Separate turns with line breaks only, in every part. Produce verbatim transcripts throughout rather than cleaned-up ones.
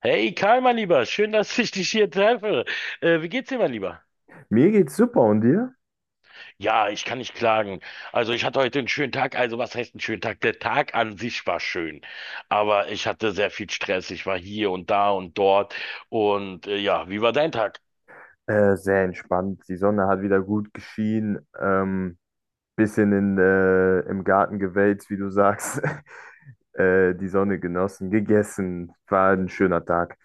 Hey Karl, mein Lieber, schön, dass ich dich hier treffe. Äh, wie geht's dir, mein Lieber?
Mir geht's super, und dir?
Ja, ich kann nicht klagen. Also ich hatte heute einen schönen Tag. Also was heißt einen schönen Tag? Der Tag an sich war schön, aber ich hatte sehr viel Stress. Ich war hier und da und dort. Und äh, ja, wie war dein Tag?
Äh, sehr entspannt. Die Sonne hat wieder gut geschienen. Ähm, bisschen in, äh, im Garten gewälzt, wie du sagst. Äh, die Sonne genossen, gegessen. War ein schöner Tag.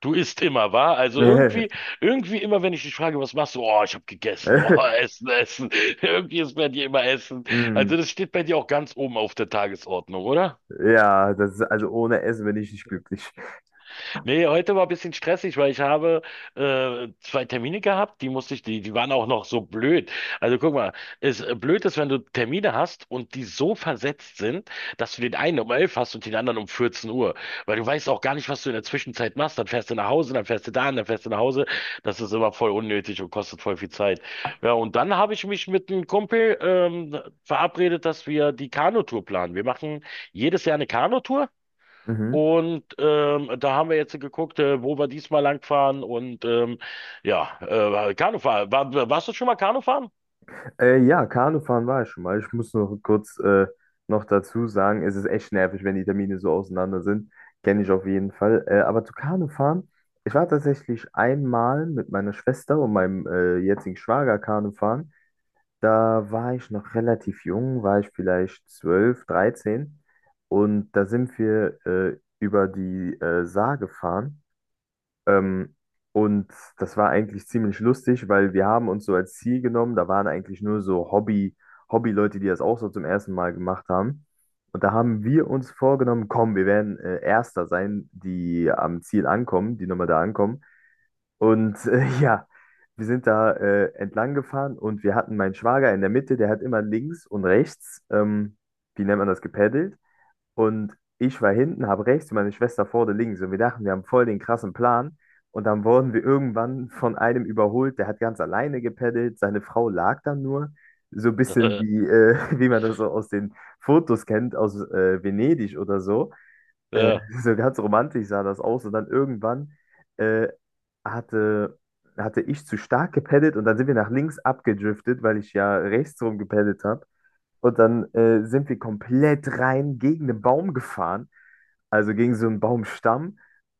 Du isst immer, wahr? Also irgendwie, irgendwie immer, wenn ich dich frage, was machst du? Oh, ich habe gegessen. Oh, Essen, Essen. Irgendwie ist bei dir immer Essen.
Hm,
Also das steht bei dir auch ganz oben auf der Tagesordnung, oder?
ja, das ist, also ohne Essen bin ich nicht glücklich.
Nee, heute war ein bisschen stressig, weil ich habe äh, zwei Termine gehabt, die musste ich, die, die waren auch noch so blöd. Also guck mal, es äh, blöd ist, wenn du Termine hast und die so versetzt sind, dass du den einen um elf hast und den anderen um vierzehn Uhr, weil du weißt auch gar nicht, was du in der Zwischenzeit machst. Dann fährst du nach Hause, dann fährst du dahin, dann fährst du nach Hause. Das ist immer voll unnötig und kostet voll viel Zeit. Ja, und dann habe ich mich mit einem Kumpel ähm, verabredet, dass wir die Kanutour planen. Wir machen jedes Jahr eine Kanutour.
Mhm.
Und ähm, da haben wir jetzt geguckt, äh, wo wir diesmal langfahren. Und ähm, ja, äh, Kanufahren. War, warst du schon mal Kanufahren?
Äh, ja, Kanufahren war ich schon mal. Ich muss noch kurz äh, noch dazu sagen, es ist echt nervig, wenn die Termine so auseinander sind. Kenne ich auf jeden Fall. Äh, aber zu Kanufahren, ich war tatsächlich einmal mit meiner Schwester und meinem äh, jetzigen Schwager Kanufahren. Da war ich noch relativ jung, war ich vielleicht zwölf, dreizehn, und da sind wir äh, über die äh, Saar gefahren. Ähm, und das war eigentlich ziemlich lustig, weil wir haben uns so als Ziel genommen, da waren eigentlich nur so Hobby, Hobby-Leute, die das auch so zum ersten Mal gemacht haben. Und da haben wir uns vorgenommen, komm, wir werden äh, Erster sein, die am Ziel ankommen, die nochmal da ankommen. Und äh, ja, wir sind da äh, entlang gefahren, und wir hatten meinen Schwager in der Mitte, der hat immer links und rechts, ähm, wie nennt man das, gepaddelt. Und ich war hinten, habe rechts und meine Schwester vorne links. Und wir dachten, wir haben voll den krassen Plan. Und dann wurden wir irgendwann von einem überholt, der hat ganz alleine gepeddelt. Seine Frau lag dann nur. So ein bisschen wie, äh, wie man das so aus den Fotos kennt, aus äh, Venedig oder so. Äh,
Ja.
so ganz romantisch sah das aus. Und dann irgendwann äh, hatte, hatte ich zu stark gepeddelt, und dann sind wir nach links abgedriftet, weil ich ja rechts rum gepeddelt habe. Und dann äh, sind wir komplett rein gegen den Baum gefahren, also gegen so einen Baumstamm.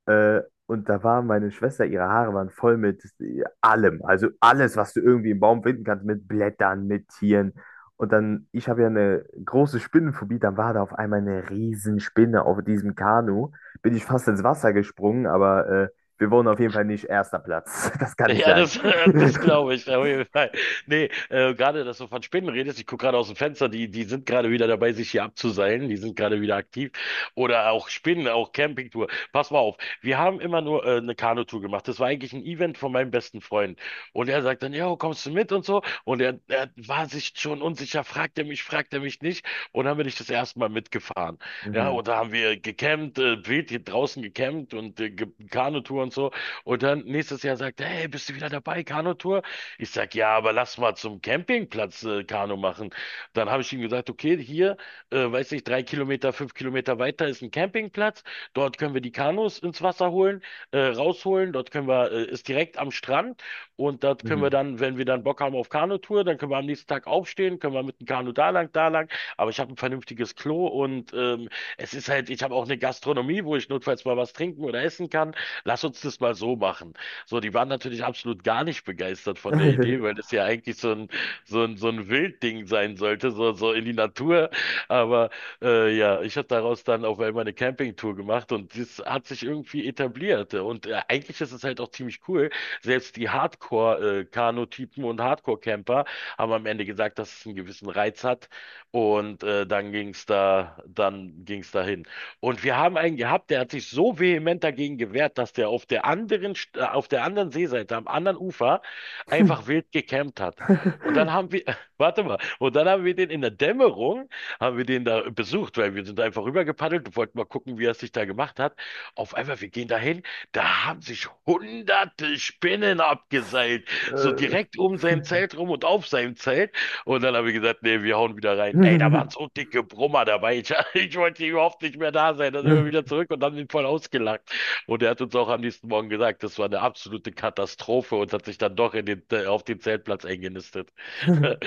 Äh, und da war meine Schwester, ihre Haare waren voll mit äh, allem. Also alles, was du irgendwie im Baum finden kannst, mit Blättern, mit Tieren. Und dann, ich habe ja eine große Spinnenphobie, dann war da auf einmal eine Riesenspinne auf diesem Kanu. Bin ich fast ins Wasser gesprungen, aber äh, wir wurden auf jeden Fall nicht erster Platz. Das kann ich
Ja,
sagen.
das, das glaube ich, auf jeden Fall. Nee, äh, gerade, dass du von Spinnen redest, ich gucke gerade aus dem Fenster, die, die sind gerade wieder dabei, sich hier abzuseilen, die sind gerade wieder aktiv. Oder auch Spinnen, auch Campingtour. Pass mal auf, wir haben immer nur äh, eine Kanutour gemacht. Das war eigentlich ein Event von meinem besten Freund. Und er sagt dann, ja, kommst du mit und so. Und er, er war sich schon unsicher, fragt er mich, fragt er mich nicht. Und dann bin ich das erste Mal mitgefahren. Ja,
Mhm.
und da haben wir gecampt, äh, wild hier draußen gecampt und äh, ge- Kanutour und so. Und dann nächstes Jahr sagt er, hey, bist du wieder dabei, Kanutour? Ich sag, ja, aber lass mal zum Campingplatz äh, Kanu machen. Dann habe ich ihm gesagt, okay, hier, äh, weiß nicht, drei Kilometer, fünf Kilometer weiter ist ein Campingplatz. Dort können wir die Kanus ins Wasser holen, äh, rausholen. Dort können wir, äh, ist direkt am Strand. Und dort können wir
Mhm.
dann, wenn wir dann Bock haben auf Kanutour, dann können wir am nächsten Tag aufstehen, können wir mit dem Kanu da lang, da lang. Aber ich habe ein vernünftiges Klo und ähm, es ist halt, ich habe auch eine Gastronomie, wo ich notfalls mal was trinken oder essen kann Lass uns das mal so machen. So, die waren natürlich absolut gar nicht begeistert von der Idee, weil das ja eigentlich so ein, so ein, so ein Wildding sein sollte, so, so in die Natur. Aber äh, ja, ich habe daraus dann auf einmal eine Campingtour gemacht und das hat sich irgendwie etabliert. Und äh, eigentlich ist es halt auch ziemlich cool. Selbst die Hardcore-Kanu-Typen und Hardcore-Camper haben am Ende gesagt, dass es einen gewissen Reiz hat. Und äh, dann ging's da, dann ging's dahin. Und wir haben einen gehabt, der hat sich so vehement dagegen gewehrt, dass der auf der anderen, St- äh, auf der anderen Seeseite, am anderen Ufer, einfach wild gecampt hat. Und dann haben wir, warte mal, und dann haben wir den in der Dämmerung, haben wir den da besucht, weil wir sind einfach rübergepaddelt und wollten mal gucken, wie er es sich da gemacht hat. Auf einmal, wir gehen dahin, da haben sich hunderte Spinnen abgeseilt, so
Äh,
direkt um sein Zelt rum und auf seinem Zelt. Und dann habe ich gesagt, nee, wir hauen wieder rein. Ey, da waren so dicke Brummer dabei. Ich, ich wollte hier überhaupt nicht mehr da sein. Dann sind wir wieder zurück und haben ihn voll ausgelacht. Und er hat uns auch am nächsten Morgen gesagt, das war eine absolute Katastrophe und hat sich dann doch in den, äh, auf den Zeltplatz eingenistet.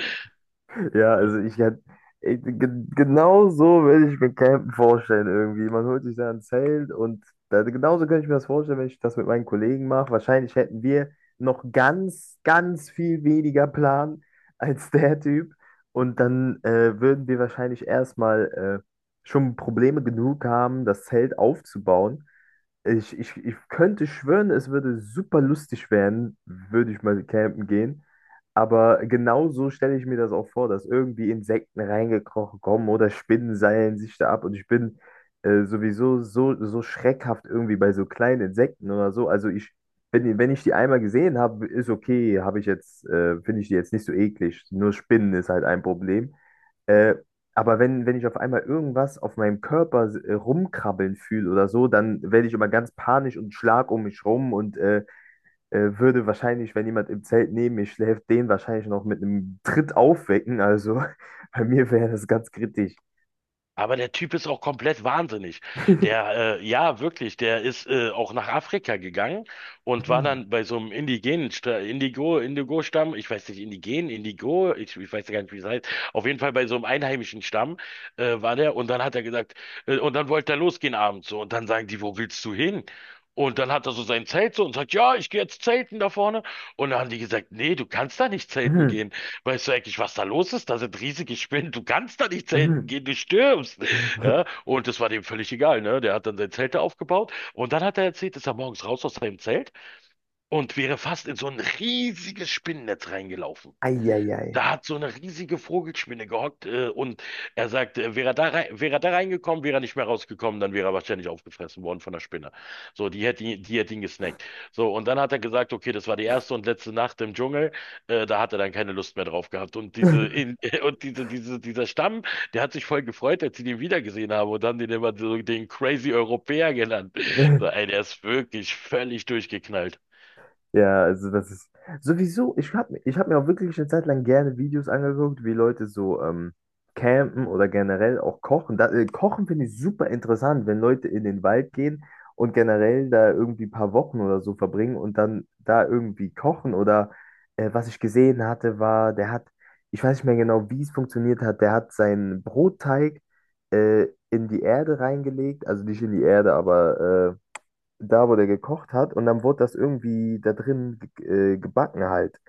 ja, also ich hätte ich- ge- genau so würde ich mir Campen vorstellen irgendwie. Man holt sich da ein Zelt, und da, genauso könnte ich mir das vorstellen, wenn ich das mit meinen Kollegen mache. Wahrscheinlich hätten wir noch ganz, ganz viel weniger Plan als der Typ. Und dann äh, würden wir wahrscheinlich erstmal äh, schon Probleme genug haben, das Zelt aufzubauen. Ich, ich, ich könnte schwören, es würde super lustig werden, würde ich mal campen gehen. Aber genau so stelle ich mir das auch vor, dass irgendwie Insekten reingekrochen kommen oder Spinnen seilen sich da ab. Und ich bin äh, sowieso so, so schreckhaft irgendwie bei so kleinen Insekten oder so. Also ich, wenn, wenn ich die einmal gesehen habe, ist okay, habe ich jetzt, äh, finde ich die jetzt nicht so eklig. Nur Spinnen ist halt ein Problem. Äh, aber wenn, wenn ich auf einmal irgendwas auf meinem Körper äh, rumkrabbeln fühle oder so, dann werde ich immer ganz panisch und schlag um mich rum, und äh, äh, würde wahrscheinlich, wenn jemand im Zelt neben mir schläft, den wahrscheinlich noch mit einem Tritt aufwecken. Also bei mir wäre das ganz kritisch.
Aber der Typ ist auch komplett wahnsinnig. Der, äh, ja, wirklich, der ist äh, auch nach Afrika gegangen und war dann bei so einem indigenen Sta- Indigo, Indigo-Stamm, ich weiß nicht, Indigen, Indigo, ich, ich weiß ja gar nicht, wie es heißt. Auf jeden Fall bei so einem einheimischen Stamm äh, war der und dann hat er gesagt, äh, und dann wollte er losgehen abends so und dann sagen die, wo willst du hin? Und dann hat er so sein Zelt so und sagt, ja, ich gehe jetzt zelten da vorne. Und dann haben die gesagt, nee, du kannst da nicht zelten Weißt du eigentlich, was da los ist? Da sind riesige Spinnen. Du kannst da nicht zelten gehen, du stirbst. Ja, und das war dem völlig egal, ne? Der hat dann sein Zelt da aufgebaut und dann hat er erzählt, ist er morgens raus aus seinem Zelt und wäre fast in so ein riesiges Spinnennetz reingelaufen.
Eieiei.
Da hat so eine riesige Vogelspinne gehockt äh, und er sagt, äh, wäre er da rein, wäre er da reingekommen, wäre er nicht mehr rausgekommen, dann wäre er wahrscheinlich aufgefressen worden von der Spinne. So, die hätte ihn, die hätte ihn gesnackt. So, und dann hat er gesagt, okay, das war die erste und letzte Nacht im Dschungel, äh, da hat er dann keine Lust mehr drauf gehabt. Und diese, in, und diese, diese, dieser Stamm, der hat sich voll gefreut, als sie den wiedergesehen haben und haben den immer so den Crazy Europäer genannt. So, ey, der ist wirklich völlig durchgeknallt.
Ja, also das ist sowieso, ich habe ich hab mir auch wirklich eine Zeit lang gerne Videos angeguckt, wie Leute so ähm, campen oder generell auch kochen. Da, äh, Kochen finde ich super interessant, wenn Leute in den Wald gehen und generell da irgendwie ein paar Wochen oder so verbringen und dann da irgendwie kochen. Oder äh, was ich gesehen hatte, war, der hat, ich weiß nicht mehr genau, wie es funktioniert hat, der hat seinen Brotteig äh, in die Erde reingelegt, also nicht in die Erde, aber äh, da, wo der gekocht hat, und dann wurde das irgendwie da drin ge- äh, gebacken halt.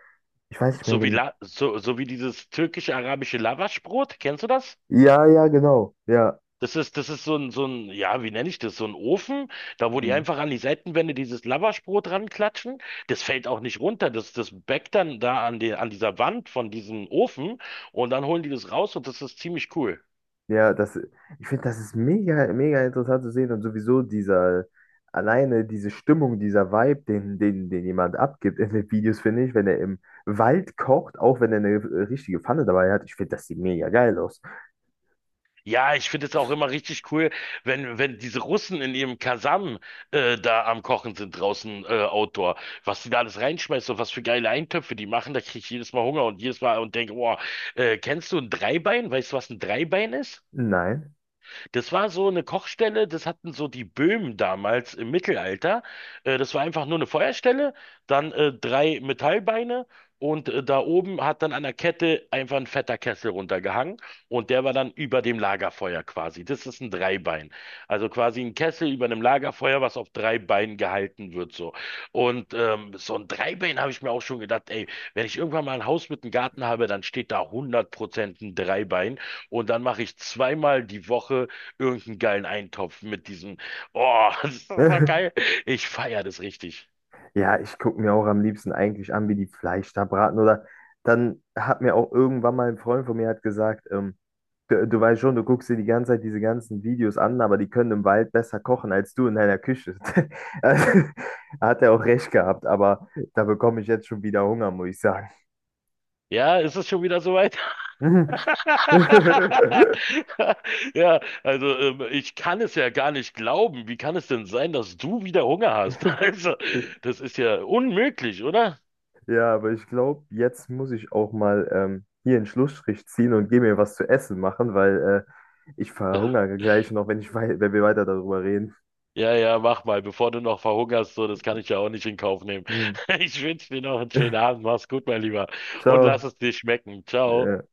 Ich weiß nicht mehr
So wie,
genau.
La so, so wie dieses türkisch-arabische Lavaschbrot, kennst du das?
Ja, ja, genau. Ja.
Das ist, das ist so ein, so ein, ja, wie nenne ich das? So ein Ofen, da wo die
Mhm.
einfach an die Seitenwände dieses Lavaschbrot ranklatschen. Das fällt auch nicht runter. Das, das backt dann da an die, an dieser Wand von diesem Ofen und dann holen die das raus und das ist ziemlich cool.
Ja, das, ich finde, das ist mega, mega interessant zu sehen, und sowieso dieser, alleine diese Stimmung, dieser Vibe, den, den, den jemand abgibt in den Videos, finde ich, wenn er im Wald kocht, auch wenn er eine äh, richtige Pfanne dabei hat, ich finde, das sieht mega geil aus.
Ja, ich finde es auch immer richtig cool, wenn, wenn diese Russen in ihrem Kasam äh, da am Kochen sind draußen äh, Outdoor. Was die da alles reinschmeißen und was für geile Eintöpfe die machen, da kriege ich jedes Mal Hunger und jedes Mal und denke, boah, äh, kennst du ein Dreibein? Weißt du, was ein Dreibein ist?
Nein.
Das war so eine Kochstelle, das hatten so die Böhmen damals im Mittelalter. Äh, das war einfach nur eine Feuerstelle, dann äh, drei Metallbeine und äh, da oben hat dann an der Kette einfach ein fetter Kessel runtergehangen und der war dann über dem Lagerfeuer quasi. Das ist ein Dreibein. Also quasi ein Kessel über einem Lagerfeuer, was auf drei Beinen gehalten wird so. Und ähm, so ein Dreibein habe ich mir auch schon gedacht, ey, wenn ich irgendwann mal ein Haus mit einem Garten habe, dann steht da hundert Prozent ein Dreibein. Und dann mache ich zweimal die Woche irgendeinen geilen Eintopf mit diesem, oh, das ist so geil. Ich feiere das richtig.
Ja, ich gucke mir auch am liebsten eigentlich an, wie die Fleisch da braten. Oder dann hat mir auch irgendwann mal ein Freund von mir hat gesagt, ähm, du, du weißt schon, du guckst dir die ganze Zeit diese ganzen Videos an, aber die können im Wald besser kochen als du in deiner Küche. Also, hat er auch recht gehabt, aber da bekomme ich jetzt schon wieder Hunger, muss ich sagen.
Ja, ist es schon wieder soweit? Ja, also ähm, ich kann es ja gar nicht glauben. Wie kann es denn sein, dass du wieder Hunger hast? Also, das ist ja unmöglich, oder?
Ja, aber ich glaube, jetzt muss ich auch mal ähm, hier einen Schlussstrich ziehen und gehe mir was zu essen machen, weil äh, ich verhungere gleich noch, wenn ich wei wenn wir weiter darüber reden.
Ja, ja, mach mal, bevor du noch verhungerst, so, das kann ich ja auch nicht in Kauf nehmen.
Hm.
Ich wünsche dir noch einen schönen Abend. Mach's gut, mein Lieber. Und lass
Ciao.
es dir schmecken. Ciao.
Äh,